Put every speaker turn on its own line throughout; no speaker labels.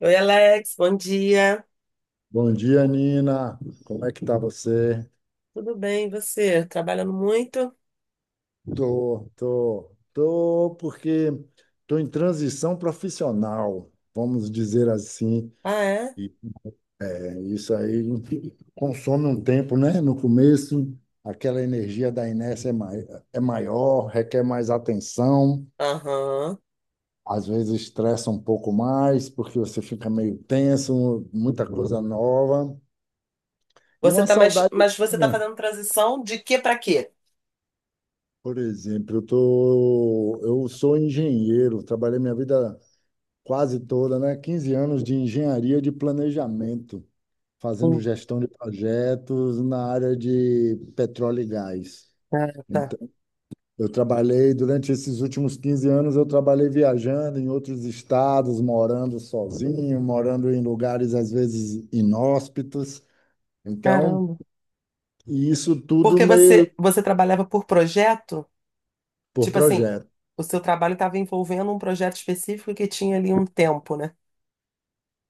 Oi, Alex, bom dia.
Bom dia, Nina. Como é que tá você?
Tudo bem, e você? Trabalhando muito?
Tô, porque tô em transição profissional, vamos dizer assim.
Ah, é?
E isso aí consome um tempo, né? No começo, aquela energia da inércia é maior, requer mais atenção,
Aham.
às vezes estressa um pouco mais, porque você fica meio tenso, muita coisa nova. E
Você
uma
tá mais,
saudade
mas você tá fazendo transição de quê para quê?
Por exemplo, eu sou engenheiro, trabalhei minha vida quase toda, né? 15 anos de engenharia de planejamento, fazendo
Hum,
gestão de projetos na área de petróleo e gás.
ah, tá.
Então, eu trabalhei durante esses últimos 15 anos, eu trabalhei viajando em outros estados, morando sozinho, morando em lugares às vezes inóspitos. Então,
Caramba.
e isso tudo
Porque
meio
você trabalhava por projeto?
por
Tipo assim,
projeto.
o seu trabalho estava envolvendo um projeto específico que tinha ali um tempo, né?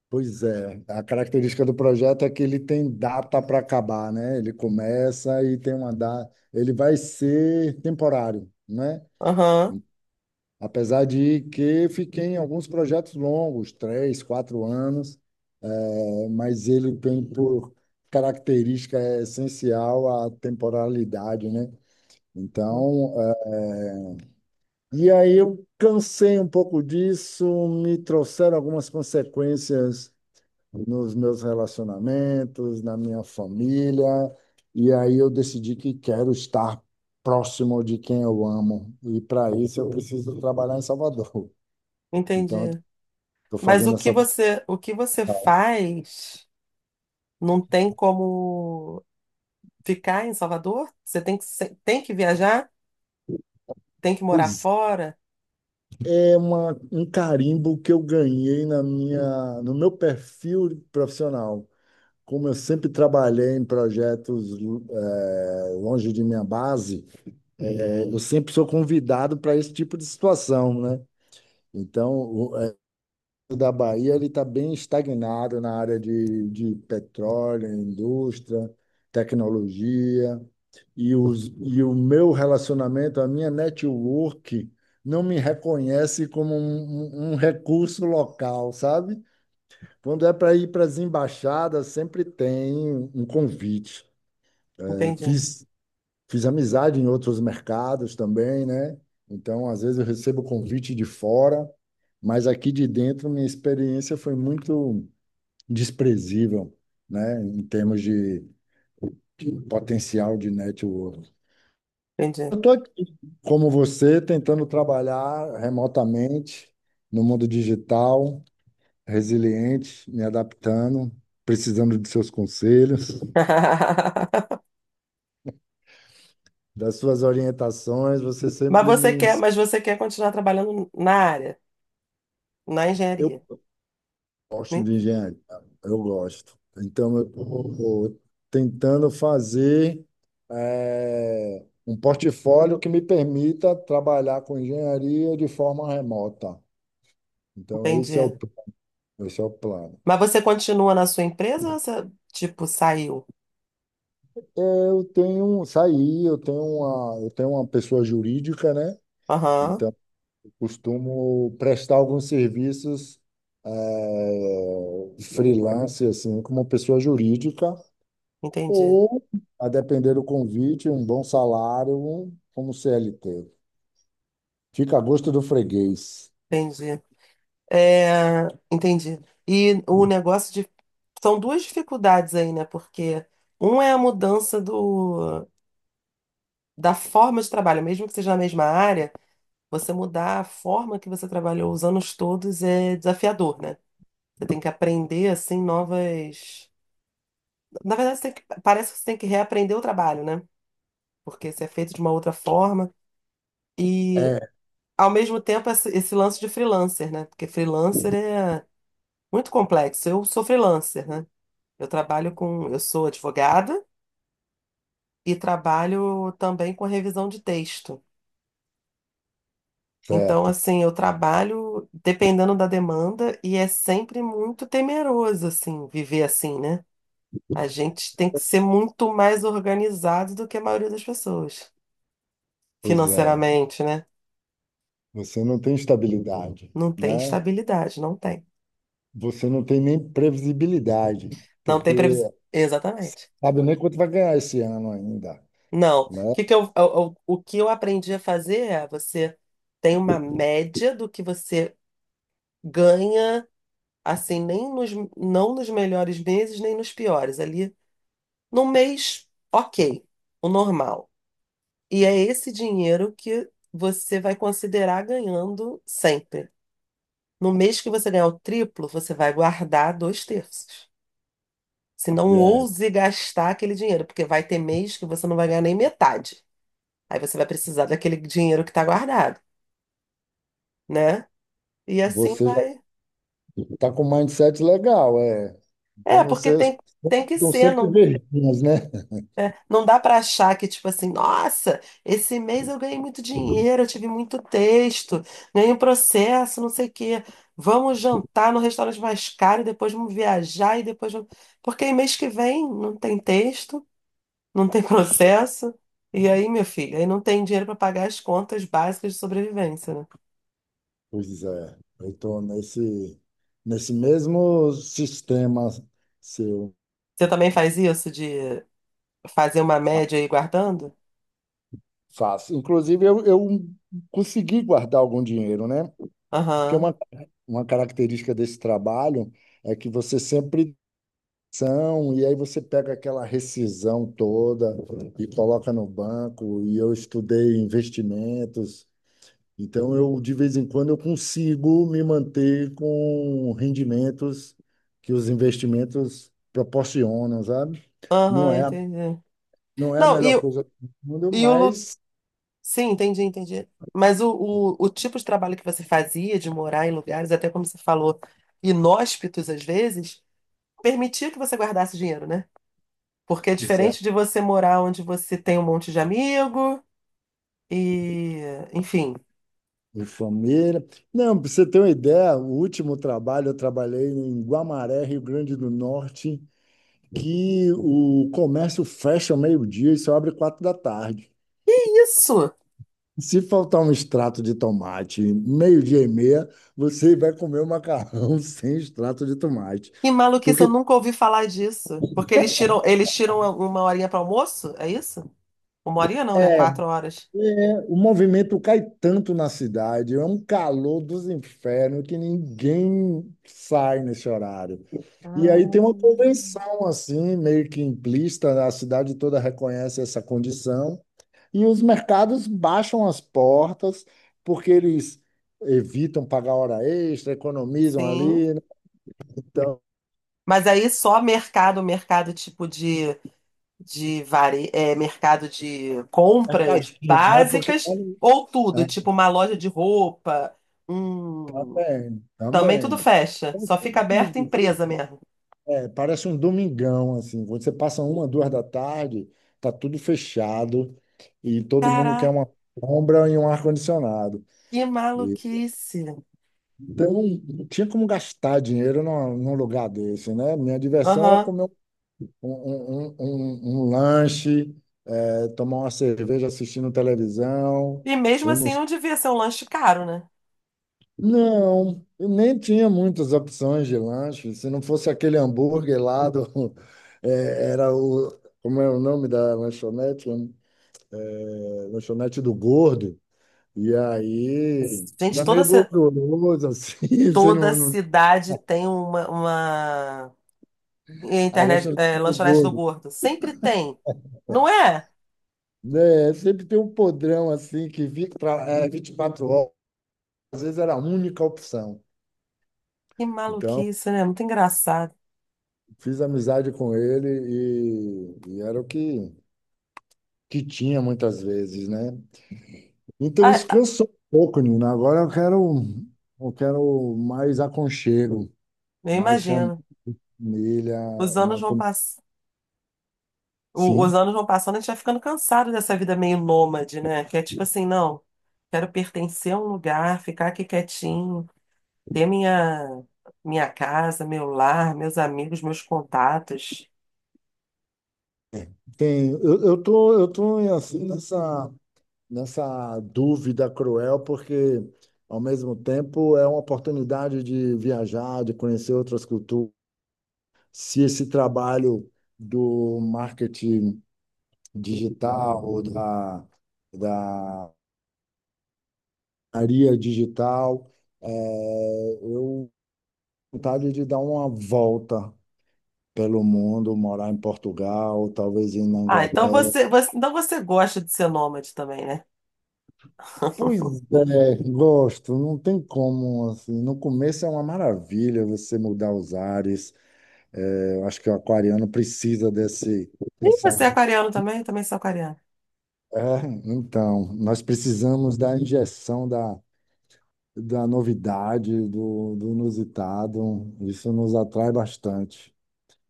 Pois é, a característica do projeto é que ele tem data para acabar, né? Ele começa e tem uma data. Ele vai ser temporário, né?
Aham.
Apesar de que fiquei em alguns projetos longos, 3, 4 anos, mas ele tem por característica essencial a temporalidade, né?
Uhum.
Então, e aí eu cansei um pouco disso, me trouxeram algumas consequências nos meus relacionamentos, na minha família, e aí eu decidi que quero estar próximo de quem eu amo, e para isso eu preciso trabalhar em Salvador. Então, eu
Entendi.
estou
Mas o
fazendo
que
essa.
você o que você faz não tem como ficar em Salvador? Você tem que se- tem que viajar? Tem que morar
Pois
fora?
é uma, um carimbo que eu ganhei na minha, no meu perfil profissional. Como eu sempre trabalhei em projetos longe de minha base, eu sempre sou convidado para esse tipo de situação, né? Então, da Bahia ele está bem estagnado na área de petróleo, indústria, tecnologia e, os, e o meu relacionamento, a minha network não me reconhece como um recurso local, sabe? Quando é para ir para as embaixadas, sempre tem um convite. É,
Entendi,
fiz amizade em outros mercados também, né? Então, às vezes eu recebo convite de fora, mas aqui de dentro minha experiência foi muito desprezível, né, em termos de potencial de network.
entendi.
Eu estou aqui, como você, tentando trabalhar remotamente no mundo digital, resiliente, me adaptando, precisando de seus conselhos, das suas orientações. Você
Mas
sempre me.
você quer, mas você quer continuar trabalhando na área, na
Eu
engenharia,
gosto
né?
de engenharia, eu gosto. Então, eu estou tentando fazer um portfólio que me permita trabalhar com engenharia de forma remota. Então, esse é
Entendi.
o, esse é o plano.
Mas você continua na sua empresa ou você, tipo, saiu?
Eu tenho, saí, eu tenho uma pessoa jurídica, né?
Aham,
Então, eu costumo prestar alguns serviços freelance, assim, como pessoa jurídica.
entendi,
Ou, a depender do convite, um bom salário, como CLT. Fica a gosto do freguês.
entendi. É, entendi. E o negócio de... São duas dificuldades aí, né? Porque um é a mudança do, da forma de trabalho, mesmo que seja na mesma área, você mudar a forma que você trabalhou os anos todos é desafiador, né? Você tem que aprender, assim, novas. Na verdade, você tem que... parece que você tem que reaprender o trabalho, né? Porque você é feito de uma outra forma. E,
É,
ao mesmo tempo, esse lance de freelancer, né? Porque freelancer é muito complexo. Eu sou freelancer, né? Eu trabalho com. Eu sou advogada e trabalho também com revisão de texto. Então,
certo.
assim, eu trabalho dependendo da demanda e é sempre muito temeroso, assim, viver assim, né? A gente tem que ser muito mais organizado do que a maioria das pessoas,
Pois é.
financeiramente, né?
Você não tem estabilidade,
Não tem
né?
estabilidade, não tem.
Você não tem nem previsibilidade,
Não
porque
tem previsão. Exatamente.
sabe nem quanto vai ganhar esse ano ainda,
Não.
né?
O que eu aprendi a fazer é você tem uma média do que você ganha, assim, nem nos, não nos melhores meses, nem nos piores. Ali, no mês, ok, o normal. E é esse dinheiro que você vai considerar ganhando sempre. No mês que você ganhar o triplo, você vai guardar dois terços. Se não
E
ouse gastar aquele dinheiro, porque vai ter mês que você não vai ganhar nem metade. Aí você vai precisar daquele dinheiro que está guardado, né? E assim
você já
vai.
está com um mindset legal, é. Então
É, porque
vocês
tem, tem que
estão
ser.
sempre
Não,
verdinhas, né?
é, não dá para achar que, tipo assim, nossa, esse mês eu ganhei muito dinheiro, eu tive muito texto, ganhei um processo, não sei o quê. Vamos jantar no restaurante mais caro, e depois vamos viajar e depois vamos... Porque aí mês que vem não tem texto. Não tem processo. E aí, meu filho, aí não tem dinheiro para pagar as contas básicas de sobrevivência, né?
Pois é. Eu estou nesse mesmo sistema seu.
Você também faz isso de fazer uma média e ir guardando?
Faço. Inclusive, eu consegui guardar algum dinheiro, né? Porque
Aham,
uma característica desse trabalho é que você sempre são, e aí você pega aquela rescisão toda e coloca no banco, e eu estudei investimentos, então eu, de vez em quando, eu consigo me manter com rendimentos que os investimentos proporcionam, sabe? Não
aham,
é,
entendi.
não é a
Não,
melhor coisa do mundo,
e o. lu-
mas
Sim, entendi, entendi. Mas o tipo de trabalho que você fazia, de morar em lugares, até como você falou, inóspitos às vezes, permitia que você guardasse dinheiro, né? Porque é diferente de você morar onde você tem um monte de amigo e, enfim.
de família. Não, para você ter uma ideia, o último trabalho eu trabalhei em Guamaré, Rio Grande do Norte, que o comércio fecha ao meio-dia e só abre quatro da tarde.
Isso!
Se faltar um extrato de tomate, meio-dia e meia, você vai comer o macarrão sem extrato de tomate.
Que maluquice, eu
Porque
nunca ouvi falar disso. Porque eles tiram uma horinha para almoço? É isso? Uma horinha não, né?
é,
Quatro horas.
é, o movimento cai tanto na cidade, é um calor dos infernos que ninguém sai nesse horário. E aí tem uma
Ah,
convenção assim, meio que implícita, a cidade toda reconhece essa condição, e os mercados baixam as portas porque eles evitam pagar hora extra, economizam
sim.
ali, né? Então,
Mas aí só mercado, mercado é, mercado de compras
mercadinho, não é porque é,
básicas
um,
ou tudo, tipo uma loja de roupa,
é
um...
também,
também tudo
também.
fecha. Só fica aberta
Então,
empresa mesmo.
é, parece um domingão assim, você passa uma, duas da tarde, tá tudo fechado e todo mundo quer
Caraca,
uma sombra e um ar-condicionado.
que maluquice.
Então, não tinha como gastar dinheiro num lugar desse, né? Minha diversão era
Aham.
comer um lanche, tomar uma cerveja assistindo televisão.
E mesmo
Eu não,
assim não devia ser um lanche caro, né?
não, eu nem tinha muitas opções de lanche. Se não fosse aquele hambúrguer lá do, era o, como é o nome da lanchonete? Lanchonete do Gordo. E aí,
Gente,
era meio gorduroso, assim, você
toda
não, não,
cidade tem uma
a
internet, é,
lanchonete do
lanchonete do
Gordo.
gordo. Sempre tem. Não é?
Né, sempre tem um podrão assim que vi, pra, 24 horas, às vezes era a única opção.
Que
Então,
maluquice, né? Muito engraçado.
fiz amizade com ele e era o que, que tinha muitas vezes, né? Então, isso
Ah,
cansou um pouco, Nina. Agora eu quero mais aconchego,
eu
mais
imagino.
família,
Os anos
uma...
vão
com-
pass... Os
Sim,
anos vão passando, a gente vai ficando cansado dessa vida meio nômade, né? Que é tipo assim, não, quero pertencer a um lugar, ficar aqui quietinho, ter minha, minha casa, meu lar, meus amigos, meus contatos.
tem. Eu tô assim nessa dúvida cruel, porque ao mesmo tempo é uma oportunidade de viajar, de conhecer outras culturas. Se esse trabalho do marketing digital, ou da, da área digital, eu tenho vontade de dar uma volta pelo mundo, morar em Portugal, talvez ir na
Ah, então
Inglaterra,
então você gosta de ser nômade também, né?
pois é, gosto, não tem como, assim, no começo é uma maravilha você mudar os ares, é, eu acho que o aquariano precisa desse,
Ih,
dessa,
você é aquariano também? Eu também sou aquariano.
é, então, nós precisamos da injeção da novidade, do inusitado, isso nos atrai bastante.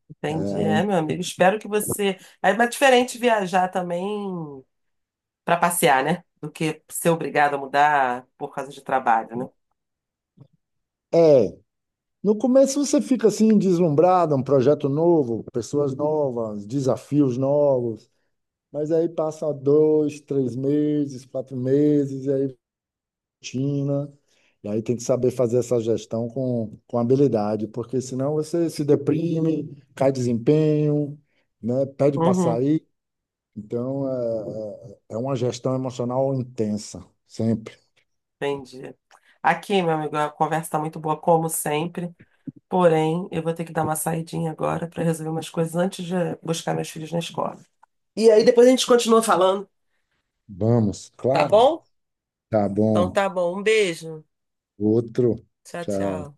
Entendi, é, meu amigo. Espero que você. É mais diferente viajar também para passear, né? Do que ser obrigado a mudar por causa de trabalho, né?
É, no começo você fica assim, deslumbrado, um projeto novo, pessoas novas, desafios novos, mas aí passa 2, 3 meses, 4 meses, e aí rotina, e aí tem que saber fazer essa gestão com habilidade, porque senão você se deprime, cai desempenho, né? Pede para
Uhum,
sair. Então, é uma gestão emocional intensa, sempre.
entendi. Aqui, meu amigo, a conversa tá muito boa, como sempre. Porém, eu vou ter que dar uma saidinha agora para resolver umas coisas antes de buscar meus filhos na escola. E aí depois a gente continua falando,
Vamos,
tá
claro.
bom?
Tá
Então
bom.
tá bom. Um beijo.
Outro.
Tchau,
Tchau.
tchau.